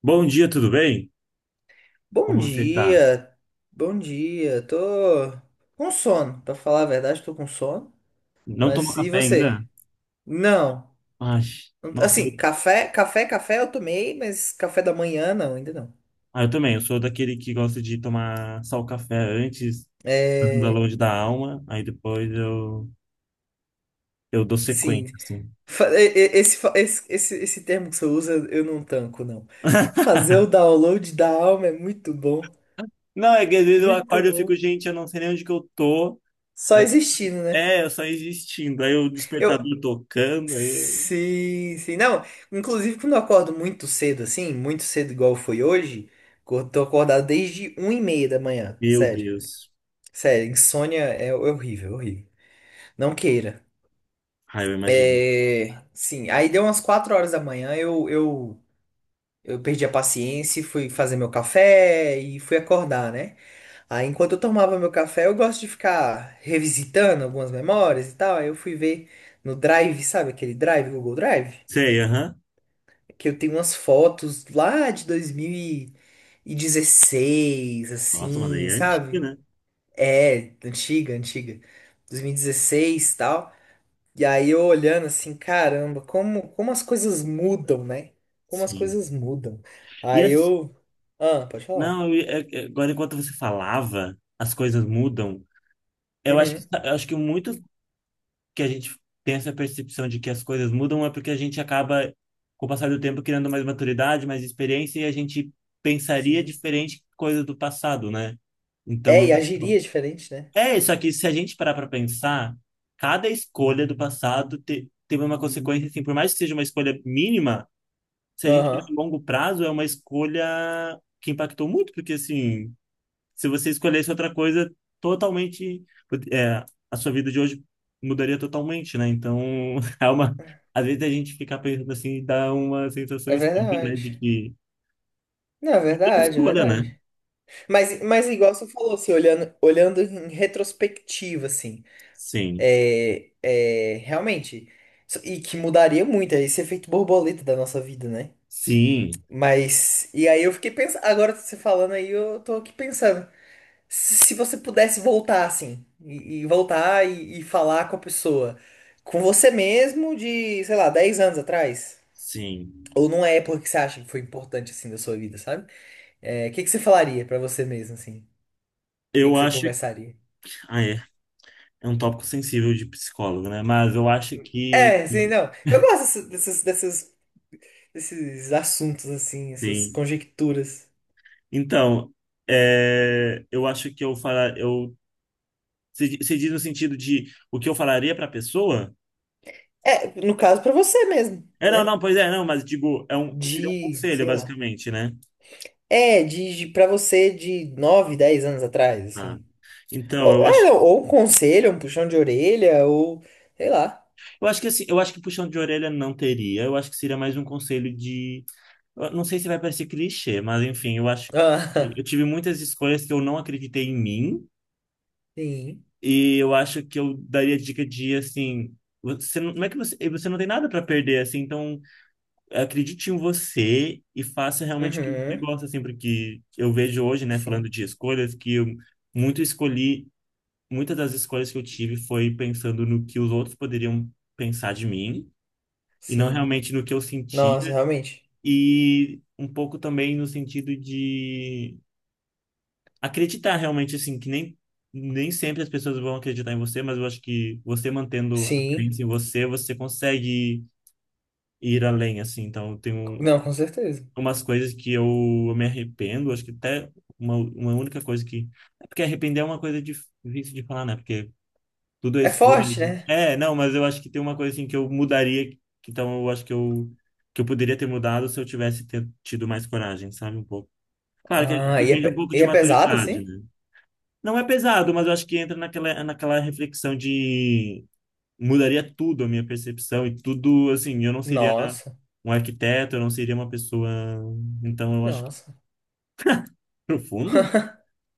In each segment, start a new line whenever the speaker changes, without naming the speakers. Bom dia, tudo bem?
Bom
Como você está?
dia, bom dia. Tô com sono, pra falar a verdade, tô com sono.
Não tomou
Mas e
café ainda?
você? Não.
Ai, nossa,
Assim, café eu tomei, mas café da manhã não, ainda não.
eu também. Eu sou daquele que gosta de tomar só o café antes, da
É,
longe da alma, eu dou
sim.
sequência, assim.
Fa- e- Esse, fa- esse termo que você usa eu não tanco, não. Fazer o download da alma é muito bom,
Não, é que às vezes eu
muito
acordo e eu fico,
bom.
gente, eu não sei nem onde que eu tô.
Só
Aí eu, tô-
existindo, né?
é, eu só existindo. Aí o
Eu,
despertador tocando, aí eu-
Sim, sim. Não, inclusive quando eu acordo muito cedo, assim, muito cedo igual foi hoje, eu tô acordado desde 1 e meia da manhã.
Meu
Sério.
Deus.
Sério, insônia é horrível, horrível. Não queira.
Ai, eu imagino.
É, sim, aí deu umas 4 horas da manhã, eu perdi a paciência e fui fazer meu café e fui acordar, né? Aí enquanto eu tomava meu café, eu gosto de ficar revisitando algumas memórias e tal. Aí eu fui ver no Drive, sabe aquele Drive, Google Drive?
Sei, aham.
Que eu tenho umas fotos lá de 2016
Nossa, mas aí
assim,
é
sabe?
antiga, né?
É, antiga, antiga. 2016 e dezesseis e tal. E aí eu olhando assim, caramba, como as coisas mudam, né? Como as
Sim.
coisas mudam.
E
Aí
assim.
eu. Ah, pode falar.
Não, agora enquanto você falava, as coisas mudam.
Uhum,
Eu acho que muito que a gente tem essa percepção de que as coisas mudam é porque a gente acaba, com o passar do tempo, criando mais maturidade, mais experiência, e a gente pensaria
sim.
diferente coisas do passado, né?
É,
Então,
e agiria diferente, né?
é isso aqui. Se a gente parar para pensar, cada escolha do passado teve uma consequência, assim, por mais que seja uma escolha mínima, se a gente olhar
Aham,
a longo prazo, é uma escolha que impactou muito, porque assim se você escolhesse outra coisa, totalmente, é, a sua vida de hoje mudaria totalmente, né? Então, é uma, às vezes a gente fica pensando assim, dá uma sensação
é
estranha, né? De
verdade.
que
Não, é
tudo é
verdade, é
escolha, né?
verdade. Mas igual você falou, assim, olhando em retrospectiva, assim.
Sim,
É, é, realmente. E que mudaria muito, é esse efeito borboleta da nossa vida, né?
sim,
Mas. E aí eu fiquei pensando. Agora você falando aí, eu tô aqui pensando. Se você pudesse voltar assim, e voltar e falar com a pessoa, com você mesmo de, sei lá, 10 anos atrás,
sim.
ou numa época que você acha que foi importante assim da sua vida, sabe? É, o que que você falaria pra você mesmo, assim? O que
Eu
que você
acho,
conversaria?
ah, é, é um tópico sensível de psicólogo, né? Mas eu acho que,
É, sim, não. Eu gosto dessas, dessas esses assuntos assim, essas
sim.
conjecturas.
Então, é, eu acho que eu falar, eu, você você diz no sentido de o que eu falaria para a pessoa?
É, no caso pra você mesmo,
É, não,
né?
não, pois é, não, mas digo, é um, seria um
De,
conselho,
sei lá.
basicamente, né?
É, de para você de 9 10 anos atrás,
Ah.
assim.
Então,
Ou, é, não, ou um conselho, um puxão de orelha, ou sei lá.
eu acho que assim, eu acho que puxão de orelha não teria, eu acho que seria mais um conselho de, eu não sei se vai parecer clichê, mas enfim, eu acho que
Ah,
eu tive muitas escolhas que eu não acreditei em mim,
sim.
e eu acho que eu daria dica de assim, você não, não é que você, você não tem nada para perder assim, então acredite em você e faça realmente o que você
Uhum.
gosta assim, porque eu vejo hoje, né, falando
Sim.
de escolhas que eu muito escolhi muitas das escolhas que eu tive foi pensando no que os outros poderiam pensar de mim e não
Sim.
realmente no que eu sentia
Nossa, realmente.
e um pouco também no sentido de acreditar realmente assim que nem nem sempre as pessoas vão acreditar em você, mas eu acho que você mantendo a
Sim.
crença em você, você consegue ir além assim. Então, tem um,
Não, com certeza.
umas coisas que eu me arrependo, acho que até uma única coisa que é porque arrepender é uma coisa difícil de falar, né? Porque tudo é
É
escolha,
forte,
gente.
né?
É, não, mas eu acho que tem uma coisa assim que eu mudaria, então eu acho que eu poderia ter mudado se eu tivesse tido mais coragem, sabe, um pouco. Claro que
Ah, e é,
depende um
pe-
pouco
e
de
é pesado,
maturidade,
assim?
né? Não é pesado, mas eu acho que entra naquela reflexão de mudaria tudo a minha percepção e tudo, assim, eu não seria
Nossa.
um arquiteto, eu não seria uma pessoa, então eu acho que
Nossa.
profundo.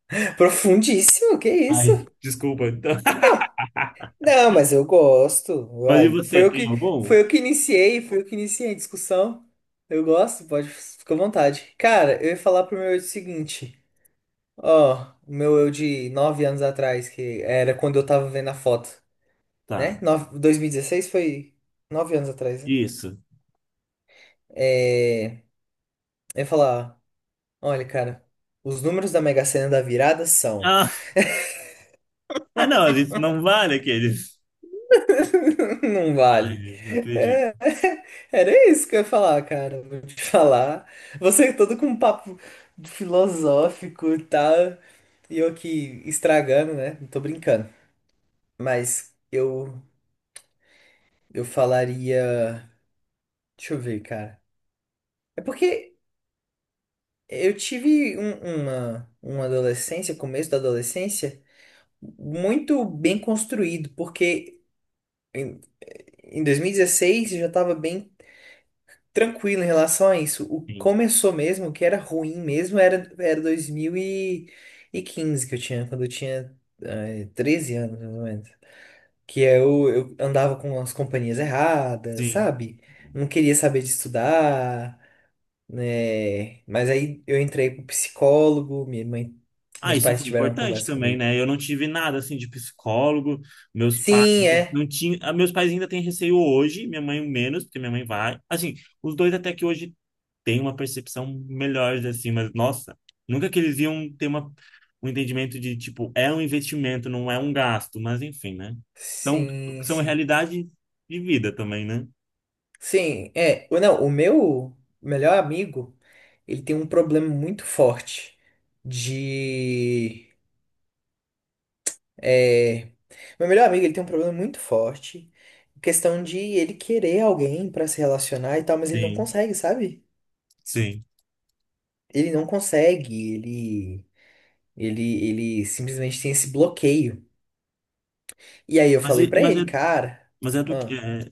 Profundíssimo, que isso?
Ai, desculpa. Então.
Não, mas eu gosto.
Mas e
Uai.
você, tem algum?
Foi eu que iniciei, foi eu que iniciei a discussão. Eu gosto, pode, fica à vontade. Cara, eu ia falar pro meu eu o seguinte. Ó, o meu eu de 9 anos atrás, que era quando eu tava vendo a foto,
Tá.
né? 2016 foi 9 anos atrás, né?
Isso.
É, eu ia falar, olha, cara, os números da Mega Sena da virada são.
Ah, ah, não, mas isso não vale aqueles.
Não vale.
Ai, não acredito.
Era isso que eu ia falar, cara. Vou te falar. Você todo com um papo filosófico e tal. E eu aqui estragando, né? Não tô brincando. Mas eu falaria. Deixa eu ver, cara. É porque eu tive uma adolescência, começo da adolescência, muito bem construído. Porque em 2016 eu já tava bem tranquilo em relação a isso. O
Sim,
começou mesmo, o que era ruim mesmo, era 2015 que eu tinha, quando eu tinha 13 anos, mais ou menos. Que eu andava com as companhias erradas,
sim.
sabe? Não queria saber de estudar, né? Mas aí eu entrei pro psicólogo, minha mãe,
Ah,
meus
isso
pais
foi
tiveram uma
importante
conversa
também,
comigo.
né? Eu não tive nada assim de psicólogo. Meus pais
Sim, é.
não tinham. Ah, meus pais ainda têm receio hoje, minha mãe menos, porque minha mãe vai. Assim, os dois até que hoje têm uma percepção melhor, assim, mas nossa, nunca que eles iam ter uma... um entendimento de tipo, é um investimento, não é um gasto, mas enfim, né? São,
Sim,
são
sim.
realidade de vida também, né?
Sim, é. Não, o meu melhor amigo, ele tem um problema muito forte de. É, meu melhor amigo, ele tem um problema muito forte. Questão de ele querer alguém pra se relacionar e tal, mas ele não
Sim,
consegue, sabe?
sim.
Ele não consegue, ele, ele simplesmente tem esse bloqueio. E aí eu
Mas,
falei
e-
pra
mas
ele,
é
cara.
Mas é do que.
ah,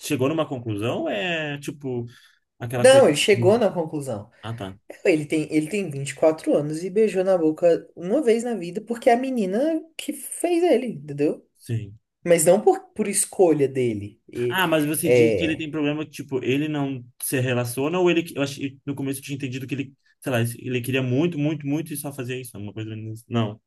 Chegou numa conclusão? Ou é tipo aquela coisa.
Não, ele chegou na conclusão.
Ah, tá.
Ele tem 24 anos e beijou na boca uma vez na vida porque é a menina que fez ele, entendeu?
Sim.
Mas não por escolha dele. E,
Ah, mas você diz que ele tem
é...
problema que, tipo, ele não se relaciona ou ele. Eu achei, no começo eu tinha entendido que ele, sei lá, ele queria muito, muito, muito e só fazia isso. Uma coisa. Não.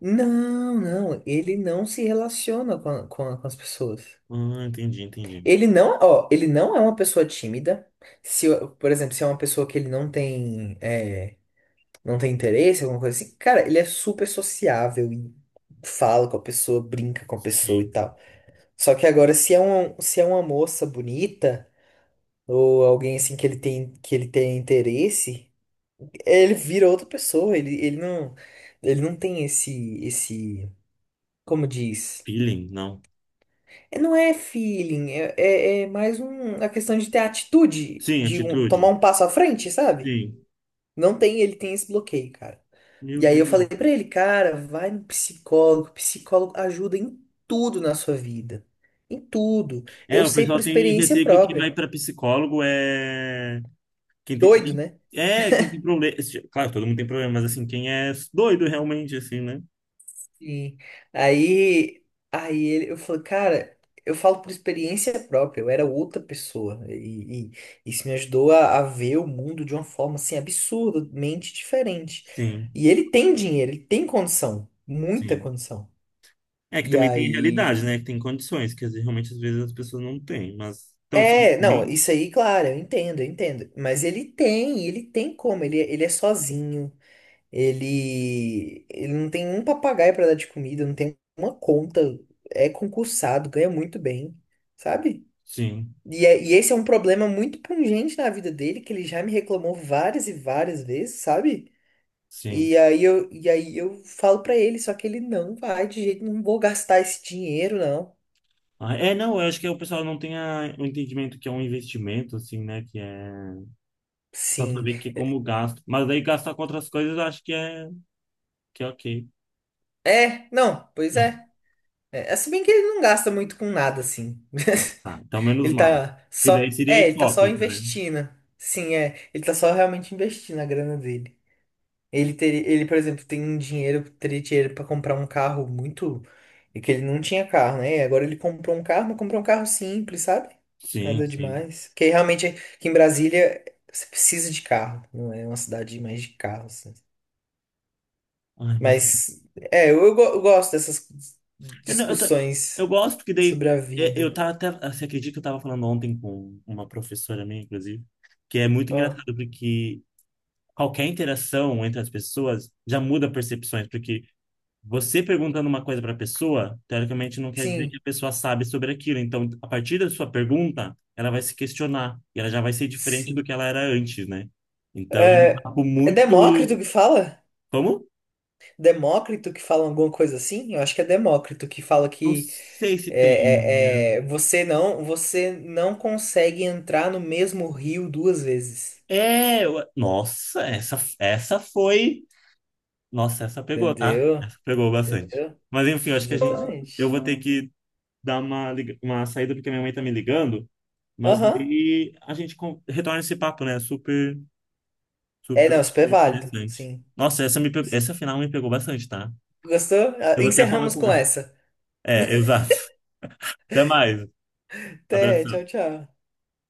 Não, não. Ele não se relaciona com as pessoas.
Ah, entendi, entendi.
Ele não, ó, ele não é uma pessoa tímida. Se, eu- Por exemplo, se é uma pessoa que ele não tem interesse, alguma coisa assim, cara, ele é super sociável e fala com a pessoa, brinca com a pessoa e
Sim.
tal. Só que agora, se é uma moça bonita, ou alguém assim que ele tem interesse, ele vira outra pessoa, ele não tem esse, como diz?
Peeling, não.
É, não é feeling, é mais um, a questão de ter atitude,
Sim,
tomar
atitude.
um passo à frente, sabe?
Sim.
Não tem, ele tem esse bloqueio, cara.
Meu
E aí eu
Deus.
falei pra ele, cara, vai no psicólogo, psicólogo ajuda em tudo na sua vida. Em tudo.
É,
Eu
o
sei
pessoal
por
tem
experiência
receio que quem vai
própria.
pra psicólogo é. Quem tem,
Doido, né?
é, quem tem problema. Claro, todo mundo tem problema, mas assim, quem é doido realmente, assim, né?
E aí, aí ele, eu falo, cara, eu falo por experiência própria, eu era outra pessoa. E isso me ajudou a ver o mundo de uma forma assim absurdamente diferente.
Sim,
E ele tem dinheiro, ele tem condição, muita
sim.
condição.
É que
E
também tem
aí.
realidade, né? Que tem condições, que às vezes, realmente às vezes as pessoas não têm, mas. Então, se
É, não,
tem,
isso aí, claro, eu entendo, eu entendo. Mas ele tem como, ele é sozinho. Ele não tem um papagaio pra dar de comida, não tem uma conta, é concursado, ganha muito bem, sabe?
sim,
E esse é um problema muito pungente na vida dele, que ele já me reclamou várias e várias vezes, sabe?
sim.
E aí eu falo pra ele, só que ele não vai de jeito, não vou gastar esse dinheiro, não.
Ah, é, não, eu acho que o pessoal não tem o entendimento que é um investimento, assim, né? Que é. Só
Sim.
saber que é como gasto. Mas daí gastar com outras coisas eu acho que é ok.
É, não, pois é. É, se bem que ele não gasta muito com nada, assim.
Tá, então menos
Ele
mal.
tá
Porque
só.
daí seria
É, ele tá só
hipócrita, né?
investindo. Sim, é. Ele tá só realmente investindo a grana dele. Ele teria, ele, por exemplo, tem um dinheiro, teria dinheiro pra comprar um carro muito. E que ele não tinha carro, né? Agora ele comprou um carro, mas comprou um carro simples, sabe?
Sim,
Nada
sim.
demais. Porque realmente aqui em Brasília você precisa de carro. Não é uma cidade mais de carros, né?
Ai, mas.
Mas é, eu gosto dessas
Eu, não- eu, ta- eu
discussões
gosto porque daí
sobre a
é, eu
vida.
tava até, você acredita que eu tava falando ontem com uma professora minha, inclusive, que é muito
Ó,
engraçado porque qualquer interação entre as pessoas já muda percepções, porque você perguntando uma coisa para pessoa, teoricamente não quer dizer que
sim,
a pessoa sabe sobre aquilo. Então, a partir da sua pergunta, ela vai se questionar e ela já vai ser diferente do que
sim.
ela era antes, né? Então, é um
É,
papo
é
muito.
Demócrito que fala?
Como?
Demócrito que fala alguma coisa assim? Eu acho que é Demócrito que fala
Não
que
sei se tem. Né?
você não consegue entrar no mesmo rio duas vezes.
Nossa, essa foi. Nossa, essa pegou, tá?
Entendeu?
Essa pegou bastante.
Entendeu?
Mas enfim, eu acho que a gente. Eu vou
Exatamente.
ter que dar uma, uma saída porque minha mãe tá me ligando. Mas
Aham.
daí a gente retorna esse papo, né? Super,
É, não,
super
super válido.
interessante.
Sim,
Nossa, essa
sim.
final me pegou bastante, tá?
Gostou?
Eu vou até falar
Encerramos
com
com
ela.
essa.
É, exato. Até mais.
Até, tchau,
Abração.
tchau.